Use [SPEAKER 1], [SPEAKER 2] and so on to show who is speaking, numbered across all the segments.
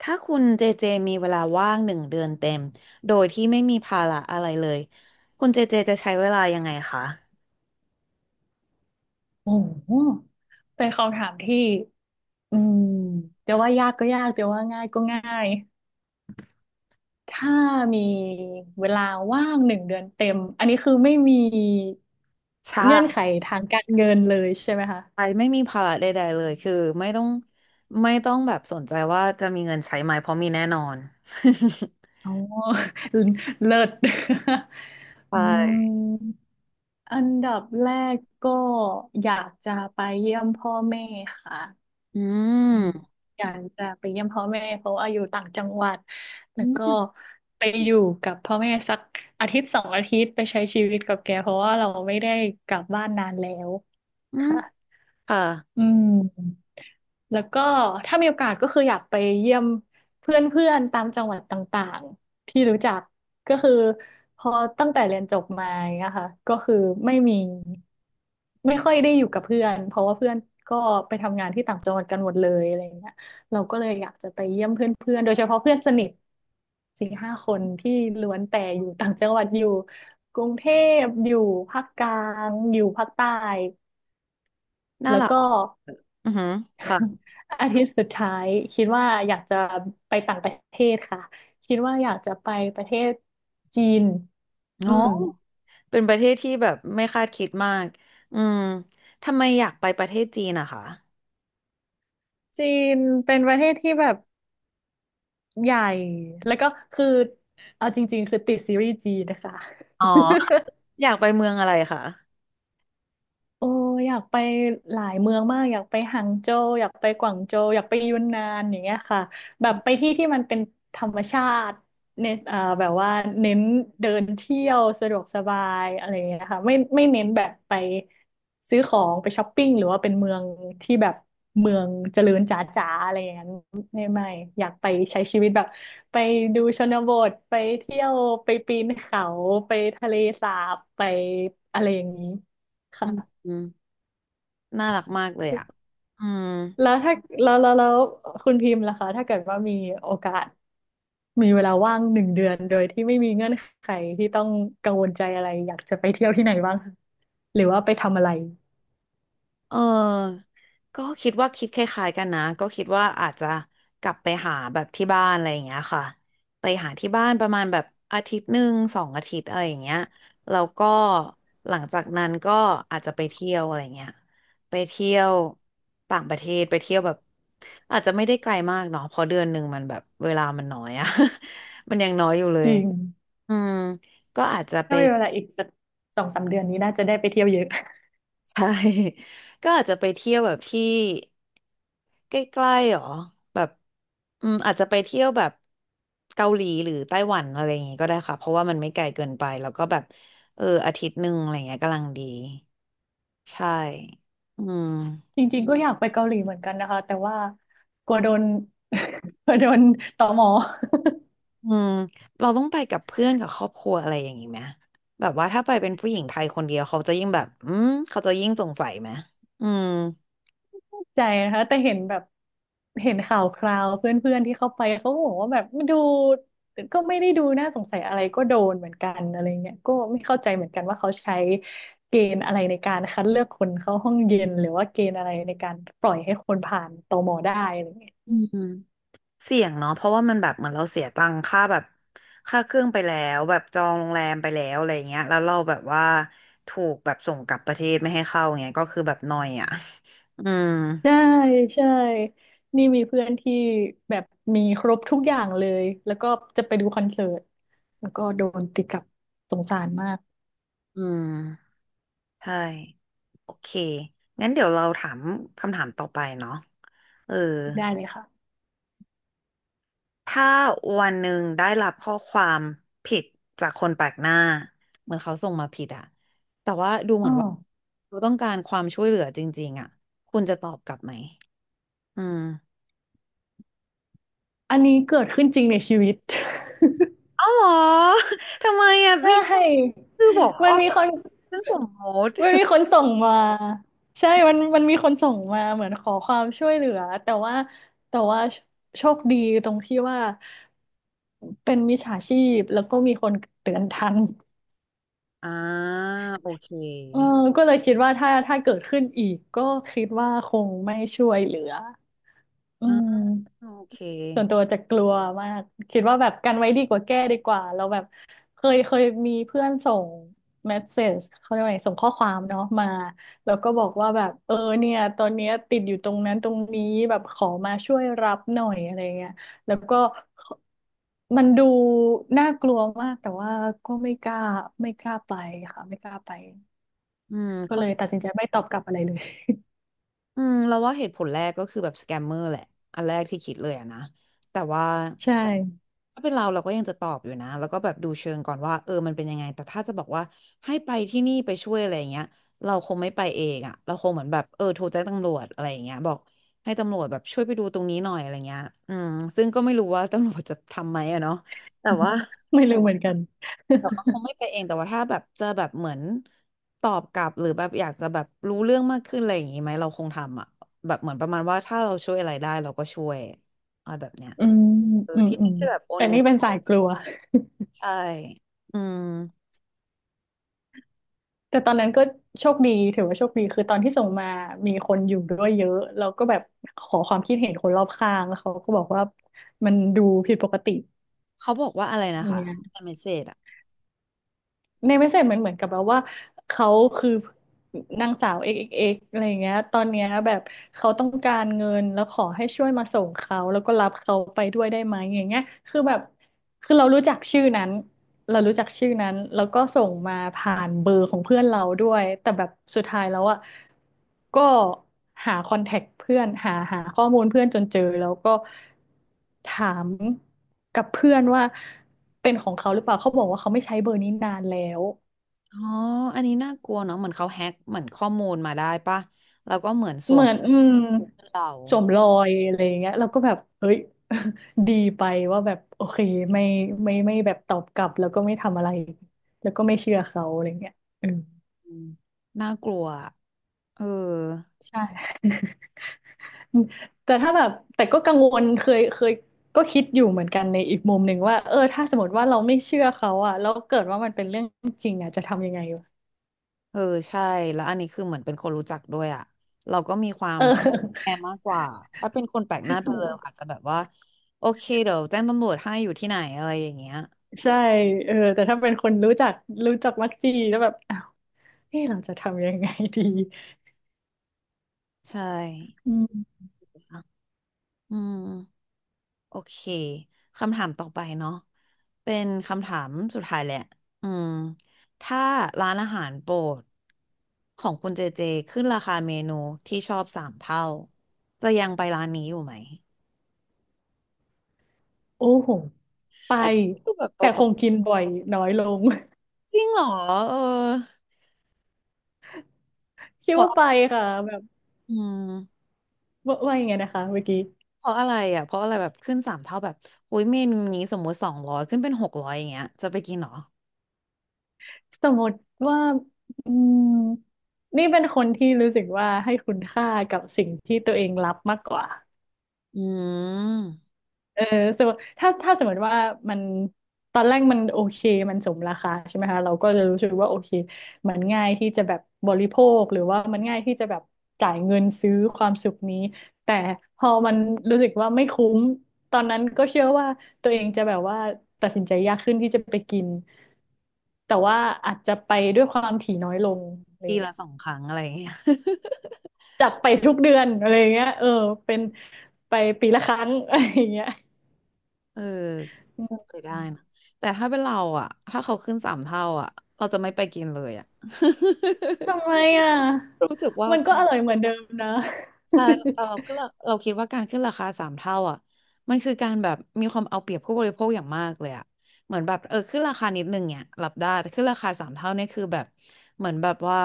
[SPEAKER 1] ถ้าคุณเจเจมีเวลาว่างหนึ่งเดือนเต็มโดยที่ไม่มีภาระอะไรเลยคุณเจเจจะใช้เวลายังไงคะ
[SPEAKER 2] โอ้โหเป็นคำถามที่อืมเดี๋ยวว่ายากก็ยากเดี๋ยวว่าง่ายก็ง่าย ถ้ามีเวลาว่างหนึ่งเดือนเต็ม อันนี้คือไม่มีเงื่อน
[SPEAKER 1] ใช่
[SPEAKER 2] ไขทางการเงินเลยใช่ไหมคะ
[SPEAKER 1] ไม่มีภาระใดๆเลยคือไม่ต้องไม่ต้องแบบสนใจว่าจะมีเงินใช้ไหมเพราะมีแน่นอน
[SPEAKER 2] อ๋อ เลิศ
[SPEAKER 1] ใช
[SPEAKER 2] อื
[SPEAKER 1] ่
[SPEAKER 2] มอันดับแรกก็อยากจะไปเยี่ยมพ่อแม่ค่ะ
[SPEAKER 1] อื
[SPEAKER 2] อืม
[SPEAKER 1] ม
[SPEAKER 2] อยากจะไปเยี่ยมพ่อแม่เพราะว่าอยู่ต่างจังหวัดแล้
[SPEAKER 1] อื
[SPEAKER 2] วก็
[SPEAKER 1] ม
[SPEAKER 2] ไปอยู่กับพ่อแม่สักอาทิตย์2 อาทิตย์ไปใช้ชีวิตกับแกเพราะว่าเราไม่ได้กลับบ้านนานแล้ว
[SPEAKER 1] อืม
[SPEAKER 2] ค่ะ
[SPEAKER 1] ค่ะ
[SPEAKER 2] อืม แล้วก็ถ้ามีโอกาสก็คืออยากไปเยี่ยมเพื่อนๆตามจังหวัดต่างๆที่รู้จักก็คือพอตั้งแต่เรียนจบมาอย่างเงี้ยค่ะก็คือไม่มีไม่ค่อยได้อยู่กับเพื่อนเพราะว่าเพื่อนก็ไปทำงานที่ต่างจังหวัดกันหมดเลยอะไรอย่างเงี้ยเราก็เลยอยากจะไปเยี่ยมเพื่อนๆโดยเฉพาะเพื่อนสนิท4-5 คนที่ล้วนแต่อยู่ต่างจังหวัดอยู่กรุงเทพอยู่ภาคกลางอยู่ภาคใต้
[SPEAKER 1] น่า
[SPEAKER 2] แล้ว
[SPEAKER 1] รัก
[SPEAKER 2] ก็
[SPEAKER 1] อือหือค่ะ
[SPEAKER 2] อาทิตย์สุดท้ายคิดว่าอยากจะไปต่างประเทศค่ะคิดว่าอยากจะไปประเทศจีนอื
[SPEAKER 1] เนาะ
[SPEAKER 2] ม
[SPEAKER 1] เป็นประเทศที่แบบไม่คาดคิดมากอืมทำไมอยากไปประเทศจีนอะคะ
[SPEAKER 2] จีนเป็นประเทศที่แบบใหญ่แล้วก็คือเอาจริงๆคือติดซีรีส์จีนนะคะ
[SPEAKER 1] อ๋อ อยากไปเมืองอะไรคะ
[SPEAKER 2] โอ้อยากไปหลายเมืองมากอยากไปหางโจวอยากไปกวางโจวอยากไปยุนนานอย่างเงี้ยค่ะแบบไปที่ที่มันเป็นธรรมชาติเน้นอ่าแบบว่าเน้นเดินเที่ยวสะดวกสบายอะไรอย่างเงี้ยค่ะไม่เน้นแบบไปซื้อของไปช้อปปิ้งหรือว่าเป็นเมืองที่แบบเมืองเจริญจ๋าๆอะไรอย่างนั้นไม่อยากไปใช้ชีวิตแบบไปดูชนบทไปเที่ยวไปปีนเขาไปทะเลสาบไปอะไรอย่างนี้
[SPEAKER 1] อ
[SPEAKER 2] ค่ะ
[SPEAKER 1] ืม น่ารักมากเลยอ่ะอืม
[SPEAKER 2] แล้วถ้าแล้วแล้วแล้วคุณพิมพ์ล่ะคะถ้าเกิดว่ามีโอกาสมีเวลาว่างหนึ่งเดือนโดยที่ไม่มีเงื่อนไขที่ต้องกังวลใจอะไรอยากจะไปเที่ยวที่ไหนบ้างคะหรือว่าไปทำอะไร
[SPEAKER 1] เออก็คิดว่าคิดคล้ายๆกันนะก็คิดว่าอาจจะกลับไปหาแบบที่บ้านอะไรอย่างเงี้ยค่ะไปหาที่บ้านประมาณแบบอาทิตย์หนึ่ง2 อาทิตย์อะไรอย่างเงี้ยแล้วก็หลังจากนั้นก็อาจจะไปเที่ยวอะไรเงี้ยไปเที่ยวต่างประเทศไปเที่ยวแบบอาจจะไม่ได้ไกลมากเนาะเพราะเดือนหนึ่งมันแบบเวลามันน้อยอะ มันยังน้อยอยู่เล
[SPEAKER 2] จ
[SPEAKER 1] ย
[SPEAKER 2] ริง
[SPEAKER 1] อืมก็อาจจะไป
[SPEAKER 2] ถ้ามีเวลาอีกสัก2-3 เดือนนี้น่าจะได้ไปเที่ยวเยอะ
[SPEAKER 1] ใช่ ก็อาจจะไปเที่ยวแบบที่ใกล้ๆหรอแบบอืมอาจจะไปเที่ยวแบบเกาหลีหรือไต้หวันอะไรอย่างงี้ก็ได้ค่ะเพราะว่ามันไม่ไกลเกินไปแล้วก็แบบเอออาทิตย์หนึ่งอะไรเงี้ยกำลังดีใช่อืม
[SPEAKER 2] จริงๆก็อยากไปเกาหลีเหมือนกันนะคะแต่ว่ากลัวโดน กลัวโดนตม
[SPEAKER 1] อืมเราต้องไปกับเพื่อนกับครอบครัวอะไรอย่างงี้ไหมแบบว่าถ้าไปเป็นผู้หญิงไทยคนเดียวเขาจะยิ่งแบบอืมเขาจะยิ่งสงสัยไหมอืม
[SPEAKER 2] ใจนะคะแต่เห็นแบบเห็นข่าวคราวเพื่อนๆที่เข้าไปเขาก็บอกว่าแบบมันดูก็ไม่ได้ดูน่าสงสัยอะไรก็โดนเหมือนกันอะไรเงี้ยก็ไม่เข้าใจเหมือนกันว่าเขาใช้เกณฑ์อะไรในการคัดเลือกคนเข้าห้องเย็นหรือว่าเกณฑ์อะไรในการปล่อยให้คนผ่านตมได้อะไรเงี้ย
[SPEAKER 1] อืม เสี่ยงเนาะเพราะว่ามันแบบเหมือนเราเสียตังค่าแบบค่าเครื่องไปแล้วแบบจองโรงแรมไปแล้วอะไรเงี้ยแล้วเราแบบว่าถูกแบบส่งกลับประเทศไม่ให้เข้าเงี้ยก็คือแบบนอยอ่ะ อืม
[SPEAKER 2] ใช่ใช่นี่มีเพื่อนที่แบบมีครบทุกอย่างเลยแล้วก็จะไปดูคอนเสิร์ตแล้วก็โดนตีกลับสงสารมาก
[SPEAKER 1] อืมใช่โอเคงั้นเดี๋ยวเราถามคำถามต่อไปเนาะเออ
[SPEAKER 2] ได้เลยค่ะ
[SPEAKER 1] ถ้าวันหนึ่งได้รับข้อความผิดจากคนแปลกหน้าเหมือนเขาส่งมาผิดอะแต่ว่าดูเหมื
[SPEAKER 2] อ๋อ
[SPEAKER 1] อนว่าเขาต้องการความช่วยเหลือจริงๆอะคุณจะตอบกลับไหม อืม
[SPEAKER 2] อันนี้เกิดขึ้นจริงในชีวิต
[SPEAKER 1] อ๋อเหรอ ทำไมอ่ะ
[SPEAKER 2] ใช
[SPEAKER 1] นี่
[SPEAKER 2] ่
[SPEAKER 1] คือหัว
[SPEAKER 2] มั
[SPEAKER 1] ข้
[SPEAKER 2] น
[SPEAKER 1] อ
[SPEAKER 2] มี
[SPEAKER 1] แบ
[SPEAKER 2] ค
[SPEAKER 1] บ
[SPEAKER 2] น
[SPEAKER 1] เรื่องสมมติ
[SPEAKER 2] มันมีคนส่งมาใช่มันมีคนส่งมาเหมือนขอความช่วยเหลือแต่ว่าโชคดีตรงที่ว่าเป็นมิจฉาชีพแล้วก็มีคนเตือนทัน
[SPEAKER 1] อ่าโอเค
[SPEAKER 2] เออก็เลยคิดว่าถ้าเกิดขึ้นอีกก็คิดว่าคงไม่ช่วยเหลืออื
[SPEAKER 1] อ่า
[SPEAKER 2] ม
[SPEAKER 1] โอเค
[SPEAKER 2] ส่วนตัวจะกลัวมากคิดว่าแบบกันไว้ดีกว่าแก้ดีกว่าเราแบบเคยมีเพื่อนส่งเมสเซจเขาเรียกว่าไงส่งข้อความเนาะมาแล้วก็บอกว่าแบบเออเนี่ยตอนเนี้ยติดอยู่ตรงนั้นตรงนี้แบบขอมาช่วยรับหน่อยอะไรเงี้ยแล้วก็มันดูน่ากลัวมากแต่ว่าก็ไม่กล้าไม่กล้าไปค่ะไม่กล้าไป
[SPEAKER 1] อืม
[SPEAKER 2] ก็
[SPEAKER 1] เข้า
[SPEAKER 2] เลยตัดสินใจไม่ตอบกลับอะไรเลย
[SPEAKER 1] อืมเราว่าเหตุผลแรกก็คือแบบสแกมเมอร์แหละอันแรกที่คิดเลยอะนะแต่ว่า
[SPEAKER 2] ใช่
[SPEAKER 1] ถ้าเป็นเราเราก็ยังจะตอบอยู่นะแล้วก็แบบดูเชิงก่อนว่าเออมันเป็นยังไงแต่ถ้าจะบอกว่าให้ไปที่นี่ไปช่วยอะไรอย่างเงี้ยเราคงไม่ไปเองอะเราคงเหมือนแบบเออโทรแจ้งตำรวจอะไรอย่างเงี้ยบอกให้ตำรวจแบบช่วยไปดูตรงนี้หน่อยอะไรเงี้ยอืมซึ่งก็ไม่รู้ว่าตำรวจจะทำไหมอะเนาะแต่ว่า
[SPEAKER 2] ไม่รู้เหมือนกัน
[SPEAKER 1] แต่ว่าคงไม่ไปเองแต่ว่าถ้าแบบเจอแบบเหมือนตอบกลับหรือแบบอยากจะแบบรู้เรื่องมากขึ้นอะไรอย่างงี้ไหมเราคงทำอ่ะแบบเหมือนประมาณว่าถ้าเราช่วยอะไรได้เราก็ช่วยอะไรแบบเนี้ย
[SPEAKER 2] อืม
[SPEAKER 1] เออ
[SPEAKER 2] อืม
[SPEAKER 1] ที่
[SPEAKER 2] อื
[SPEAKER 1] ไม่
[SPEAKER 2] ม
[SPEAKER 1] ใช่แบบโอน
[SPEAKER 2] แต่
[SPEAKER 1] เงิ
[SPEAKER 2] นี่
[SPEAKER 1] น
[SPEAKER 2] เป็นสายกลัว
[SPEAKER 1] ใช่อืม
[SPEAKER 2] แต่ตอนนั้นก็โชคดีถือว่าโชคดีคือตอนที่ส่งมามีคนอยู่ด้วยเยอะแล้วก็แบบขอความคิดเห็นคนรอบข้างแล้วเขาก็บอกว่ามันดูผิดปกติ
[SPEAKER 1] เขาบอกว่าอะไรนะคะ
[SPEAKER 2] เนี่ย
[SPEAKER 1] เมสเซจอ่ะ
[SPEAKER 2] ในเมสเซจมันเหมือนกับแบบว่าเขาคือนางสาว xxx อกซ์เอ็กซ์เอ็กซ์อะไรอย่างเงี้ยตอนเนี้ยแบบเขาต้องการเงินแล้วขอให้ช่วยมาส่งเขาแล้วก็รับเขาไปด้วยได้ไหมอย่างเงี้ยคือแบบ คือเรารู้จักชื่อนั้นเรารู้จักชื่อนั้นแล้วก็ส่งมาผ่านเบอร์ของเพื่อนเราด้วยแต่แบบสุดท้ายแล้วอ่ะก็หาคอนแทคเพื่อนหาข้อมูลเพื่อนจนเจอแล้วก็ถามกับเพื่อนว่าเป็นของเขาหรือเปล่าเขาบอกว่าเขาไม่ใช้เบอร์นี้นานแล้ว
[SPEAKER 1] อ๋ออันนี้น่ากลัวเนาะเหมือนเขาแฮ็กเหมือนข้อมูลมาได้ปะแล้วก็เหมือนส
[SPEAKER 2] เห
[SPEAKER 1] ว
[SPEAKER 2] มื
[SPEAKER 1] ม
[SPEAKER 2] อน
[SPEAKER 1] เรา
[SPEAKER 2] สวมรอยอะไรอย่างเงี้ยเราก็แบบเฮ้ย ดีไปว่าแบบโอเคไม่ไม่ไม่แบบตอบกลับแล้วก็ไม่ทำอะไรแล้วก็ไม่เชื่อเขาอะไรเงี้ยเออ
[SPEAKER 1] อืมน่ากลัวอะเออ
[SPEAKER 2] ใช่ แต่ถ้าแบบแต่ก็กังวลเคยก็คิดอยู่เหมือนกันในอีกมุมหนึ่งว่าเออถ้าสมมติว่าเราไม่เชื่อเขาอะแล้วเกิดว่ามันเป็นเรื่องจริงอะจะทำยังไงวะ
[SPEAKER 1] เออใช่แล้วอันนี้คือเหมือนเป็นคนรู้จักด้วยอ่ะเรามีความ
[SPEAKER 2] เอ
[SPEAKER 1] แค
[SPEAKER 2] อ
[SPEAKER 1] ร์มากกว่าถ้าเป็นคนแปลกหน้าไปเลยอาจ จะแบบว่าโอเคเดี๋ยวแจ้งตำรวจให้อยู่ที่ไหนอะไรอย่างเงี้ย
[SPEAKER 2] ใช่เออแต่ถ้าเป็นคนรู้จักรู้จักมักจีแล้วแบบอ้าวเออเราจะทำยังไงดี
[SPEAKER 1] ใช่
[SPEAKER 2] อืม
[SPEAKER 1] อืมโอเคคำถามต่อไปเนาะเป็นคำถามสุดท้ายแหละอืมถ้าร้านอาหารโปรดของคุณเจเจขึ้นราคาเมนูที่ชอบสามเท่าจะยังไปร้านนี้อยู่ไหม
[SPEAKER 2] โอ้โห ไป
[SPEAKER 1] อันนี้คือแบบเบ
[SPEAKER 2] แต่ค
[SPEAKER 1] า
[SPEAKER 2] งกินบ่อยน้อยลง
[SPEAKER 1] ๆจริงเหรอเออ
[SPEAKER 2] คิดว่าไปค่ะแบบ
[SPEAKER 1] อืม
[SPEAKER 2] ว่าว่ายังไงนะคะเมื่อกี้
[SPEAKER 1] เพราะอะไรอ่ะเพราะอะไรแบบขึ้นสามเท่าแบบโอ้ยเมนูนี้สมมติ200ขึ้นเป็น600อย่างเงี้ยจะไปกินเหรอ
[SPEAKER 2] สมมติว่าอืมนี่เป็นคนที่รู้สึกว่าให้คุณค่ากับสิ่งที่ตัวเองรับมากกว่า
[SPEAKER 1] อืม
[SPEAKER 2] เออสมมติถ้าสมมติว่ามันตอนแรกมันโอเคมันสมราคาใช่ไหมคะเราก็จะรู้สึกว่าโอเคมันง่ายที่จะแบบบริโภคหรือว่ามันง่ายที่จะแบบจ่ายเงินซื้อความสุขนี้ แต่พอมันรู้สึกว่าไม่คุ้มตอนนั้นก็เชื่อว่าตัวเองจะแบบว่าตัดสินใจยากขึ้นที่จะไปกินแต่ว่าอาจจะไปด้วยความถี่น้อยลงอะไร
[SPEAKER 1] ปี
[SPEAKER 2] เงี้
[SPEAKER 1] ละ
[SPEAKER 2] ย
[SPEAKER 1] 2 ครั้งอะไรอย่างเงี้ย
[SPEAKER 2] จากไปทุกเดือนอะไรเงี้ยเออเป็นไปปีละครั้งอะไรเงี้ย
[SPEAKER 1] เออก็เคยได้นะแต่ถ้าเป็นเราอ่ะถ้าเขาขึ้นสามเท่าอ่ะเราจะไม่ไปกินเลยอ่ะ
[SPEAKER 2] ทำไมอ่ะ
[SPEAKER 1] รู้สึกว่า
[SPEAKER 2] มันก็อร่อยเหมือนเดิมนะ
[SPEAKER 1] ใช่เราคิดว่าการขึ้นราคาสามเท่าอ่ะมันคือการแบบมีความเอาเปรียบผู้บริโภคอย่างมากเลยอ่ะเหมือนแบบเออขึ้นราคานิดนึงเนี่ยรับได้แต่ขึ้นราคาสามเท่าเนี่ยคือแบบเหมือนแบบว่า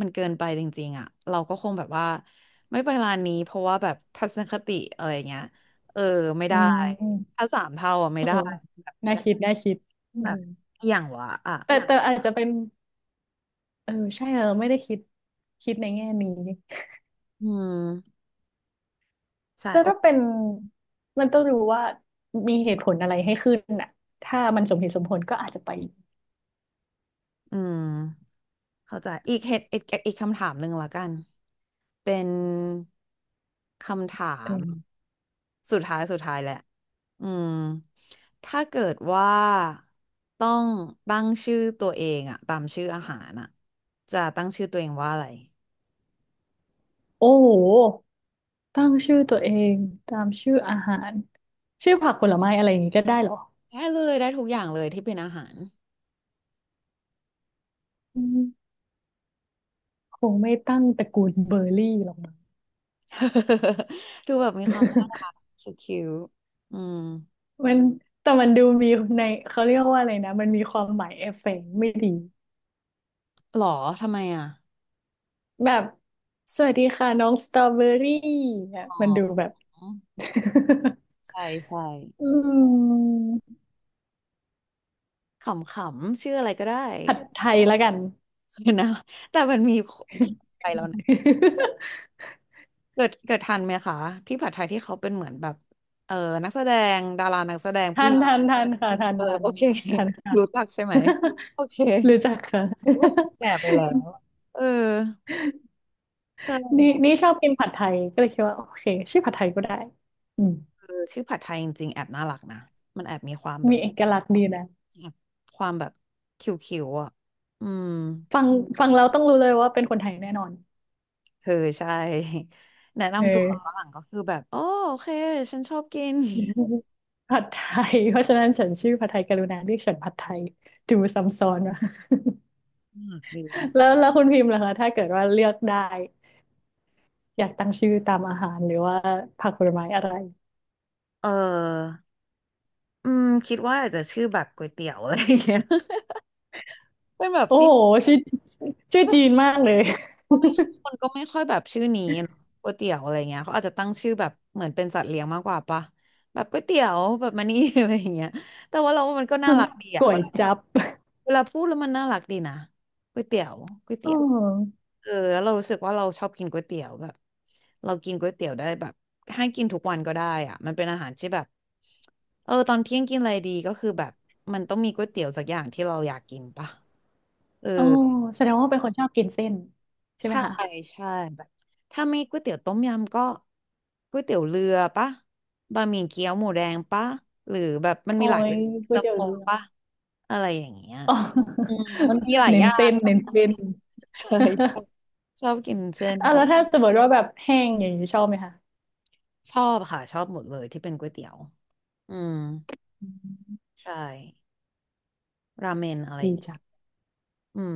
[SPEAKER 1] มันเกินไปจริงๆอ่ะเราก็คงแบบว่าไม่ไปร้านนี้เพราะว่าแบบทัศนคติอะไรเงี้ยเออไม่
[SPEAKER 2] อื
[SPEAKER 1] ได้
[SPEAKER 2] ม
[SPEAKER 1] ถ้าสามเท่าอ่ะไม่
[SPEAKER 2] เออ
[SPEAKER 1] ได้
[SPEAKER 2] น่าคิด น่าคิดเอ
[SPEAKER 1] แบ
[SPEAKER 2] อ
[SPEAKER 1] บอย่างวะอ่ะ
[SPEAKER 2] แต่แต่อาจจะเป็น เออ ใช่เราไม่ได้คิดในแง่นี้
[SPEAKER 1] อืมใช่
[SPEAKER 2] แต่
[SPEAKER 1] โอ
[SPEAKER 2] ถ้าเป็น มันต้องรู้ว่ามีเหตุผลอะไรให้ขึ้นน่ะถ้ามันสมเหตุสมผลก็อาจจะไป
[SPEAKER 1] อืม เข้าใจอีกเหตุอีกคำถามหนึ่งละกันเป็นคำถาม
[SPEAKER 2] เออ
[SPEAKER 1] สุดท้ายแหละอืมถ้าเกิดว่าต้องตั้งชื่อตัวเองอะตามชื่ออาหารอะจะตั้งชื่อตัวเองว่าอะไร
[SPEAKER 2] โอ้โหตั้งชื่อตัวเองตามชื่ออาหารชื่อผักผลไม้อะไรอย่างนี้ก็ได้เหรอ
[SPEAKER 1] ได้เลยได้ทุกอย่างเลยที่เป็นอาหาร
[SPEAKER 2] อืมคงไม่ตั้งตระกูลเบอร์รี่หรอก
[SPEAKER 1] ดูแบบมีความคิวๆอืม
[SPEAKER 2] มันแต่มันดูมีในเขาเรียกว่าอะไรนะมันมีความหมายเอฟเฟกต์ไม่ดี
[SPEAKER 1] หรอทำไมอะ
[SPEAKER 2] แบบสวัสดีค่ะน้องสตรอเบอรี่เนี่ย
[SPEAKER 1] อ๋
[SPEAKER 2] มันดู
[SPEAKER 1] อ
[SPEAKER 2] แบบ
[SPEAKER 1] ใช่ใช่
[SPEAKER 2] อืม
[SPEAKER 1] ขำๆชื่ออะไรก็ได้
[SPEAKER 2] ผัดไทยแล้วกัน
[SPEAKER 1] เนนะแต่มันมีพี่ผัดไทยแล้วนะ เกิดทันไหมคะพี่ผัดไทยที่เขาเป็นเหมือนแบบ เออนักแสดงดารานักแสดง
[SPEAKER 2] ทั
[SPEAKER 1] ผู้ห
[SPEAKER 2] น
[SPEAKER 1] ญิง
[SPEAKER 2] ทันทันค่ะทัน
[SPEAKER 1] เออ
[SPEAKER 2] ทัน
[SPEAKER 1] โอเค
[SPEAKER 2] ทันค่ะ
[SPEAKER 1] รู้จักใช่ไหม โอเค
[SPEAKER 2] รู้จักค่ะ
[SPEAKER 1] ถือว่าแก่ไปแล้ว เออใช
[SPEAKER 2] นี่
[SPEAKER 1] ่
[SPEAKER 2] นี่ชอบกินผัดไทยก็เลยคิดว่าโอเคชื่อผัดไทยก็ได้อืม
[SPEAKER 1] เออชื่อผัดไทยจริงๆแอบน่ารักนะ มันแอบมีความแบ
[SPEAKER 2] มี
[SPEAKER 1] บ
[SPEAKER 2] เอกลักษณ์ดีนะ
[SPEAKER 1] แอบความแบบคิวๆอ่ะอืม
[SPEAKER 2] ฟังฟังแล้วต้องรู้เลยว่าเป็นคนไทยแน่นอน
[SPEAKER 1] เออใช่ แนะ
[SPEAKER 2] เอ
[SPEAKER 1] นำตัว
[SPEAKER 2] อ
[SPEAKER 1] ฝรั่งก็คือแบบโอโอเคฉันชอบกิน
[SPEAKER 2] ผัดไทยเพราะฉะนั้นฉันชื่อผัดไทยกรุณาเรียกฉันผัดไทยดูซ้ำซ้อนว่ะ
[SPEAKER 1] มากดี
[SPEAKER 2] แล้วคุณพิมพ์ล่ะคะถ้าเกิดว่าเลือกได้อยากตั้งชื่อตามอาหารหรือว่าผักผลไม้อะไร
[SPEAKER 1] เออ อืมคิดว่าอาจจะชื่อแบบก๋วยเตี๋ยวอะไรอย่างเงี้ย เป็นแบบ
[SPEAKER 2] โอ้
[SPEAKER 1] ซิน
[SPEAKER 2] โหชื่อชื่
[SPEAKER 1] ใช่
[SPEAKER 2] อ
[SPEAKER 1] ปะ
[SPEAKER 2] จีนมากเลย
[SPEAKER 1] ก็ไม่คนก็ไม่ค่อยแบบชื่อนี้เนอะก๋วยเตี๋ยวอะไรเงี้ยเขาอาจจะตั้งชื่อแบบเหมือนเป็นสัตว์เลี้ยงมากกว่าปะแบบก๋วยเตี๋ยวแบบมานี่ อะไรอย่างเงี้ยแต่ว่าเราว่ามันก็น่ารักดี อะ
[SPEAKER 2] ก๋
[SPEAKER 1] เว
[SPEAKER 2] วย
[SPEAKER 1] ลา
[SPEAKER 2] จั๊บ
[SPEAKER 1] เวลาพูดแล้วมันน่ารักดีนะก๋วยเตี๋ยวก๋วย
[SPEAKER 2] อ๋
[SPEAKER 1] เตี๋ยว
[SPEAKER 2] อ
[SPEAKER 1] เออแล้วเรารู้สึกว่าเราชอบกินก๋วยเตี๋ยวแบบเรากินก๋วยเตี๋ยวได้แบบให้กินทุกวันก็ได้อ่ะมันเป็นอาหารที่แบบเออตอนเที่ยงกินอะไรดีก็คือแบบมันต้องมีก๋วยเตี๋ยวสักอย่างที่เราอยากกินปะเออ
[SPEAKER 2] อ๋อแสดงว่าเป็นคนชอบกินเส้นใช่ไหม
[SPEAKER 1] ใช่
[SPEAKER 2] คะ
[SPEAKER 1] ใช่แบบถ้าไม่ก๋วยเตี๋ยวต้มยำก็ก๋วยเตี๋ยวเรือปะบะหมี่เกี๊ยวหมูแดงปะหรือแบบมัน
[SPEAKER 2] โอ้
[SPEAKER 1] มีหลายก๋
[SPEAKER 2] ย
[SPEAKER 1] วย
[SPEAKER 2] ก๋ว
[SPEAKER 1] เตี๋
[SPEAKER 2] ย
[SPEAKER 1] ยว
[SPEAKER 2] เตี๋ย
[SPEAKER 1] โฟ
[SPEAKER 2] วเรือ
[SPEAKER 1] ปะอะไรอย่างเงี้ย
[SPEAKER 2] อ๋อ
[SPEAKER 1] อืมมันมีห ลาย
[SPEAKER 2] เน้
[SPEAKER 1] อ
[SPEAKER 2] น
[SPEAKER 1] ย่า
[SPEAKER 2] เส้
[SPEAKER 1] ง
[SPEAKER 2] นเน้นเส้น
[SPEAKER 1] ใช่ชอบกินเส้น
[SPEAKER 2] อ่ะแล้วถ้าสมมติว่าแบบแห้งอย่างนี้ชอบไหมคะ
[SPEAKER 1] ชอบค่ะชอบหมดเลยที่เป็นก๋วยเตี๋ยวอืมใช่ราเมนอะไรอ
[SPEAKER 2] ดี
[SPEAKER 1] ย่างเงี้ย
[SPEAKER 2] จัง
[SPEAKER 1] อืม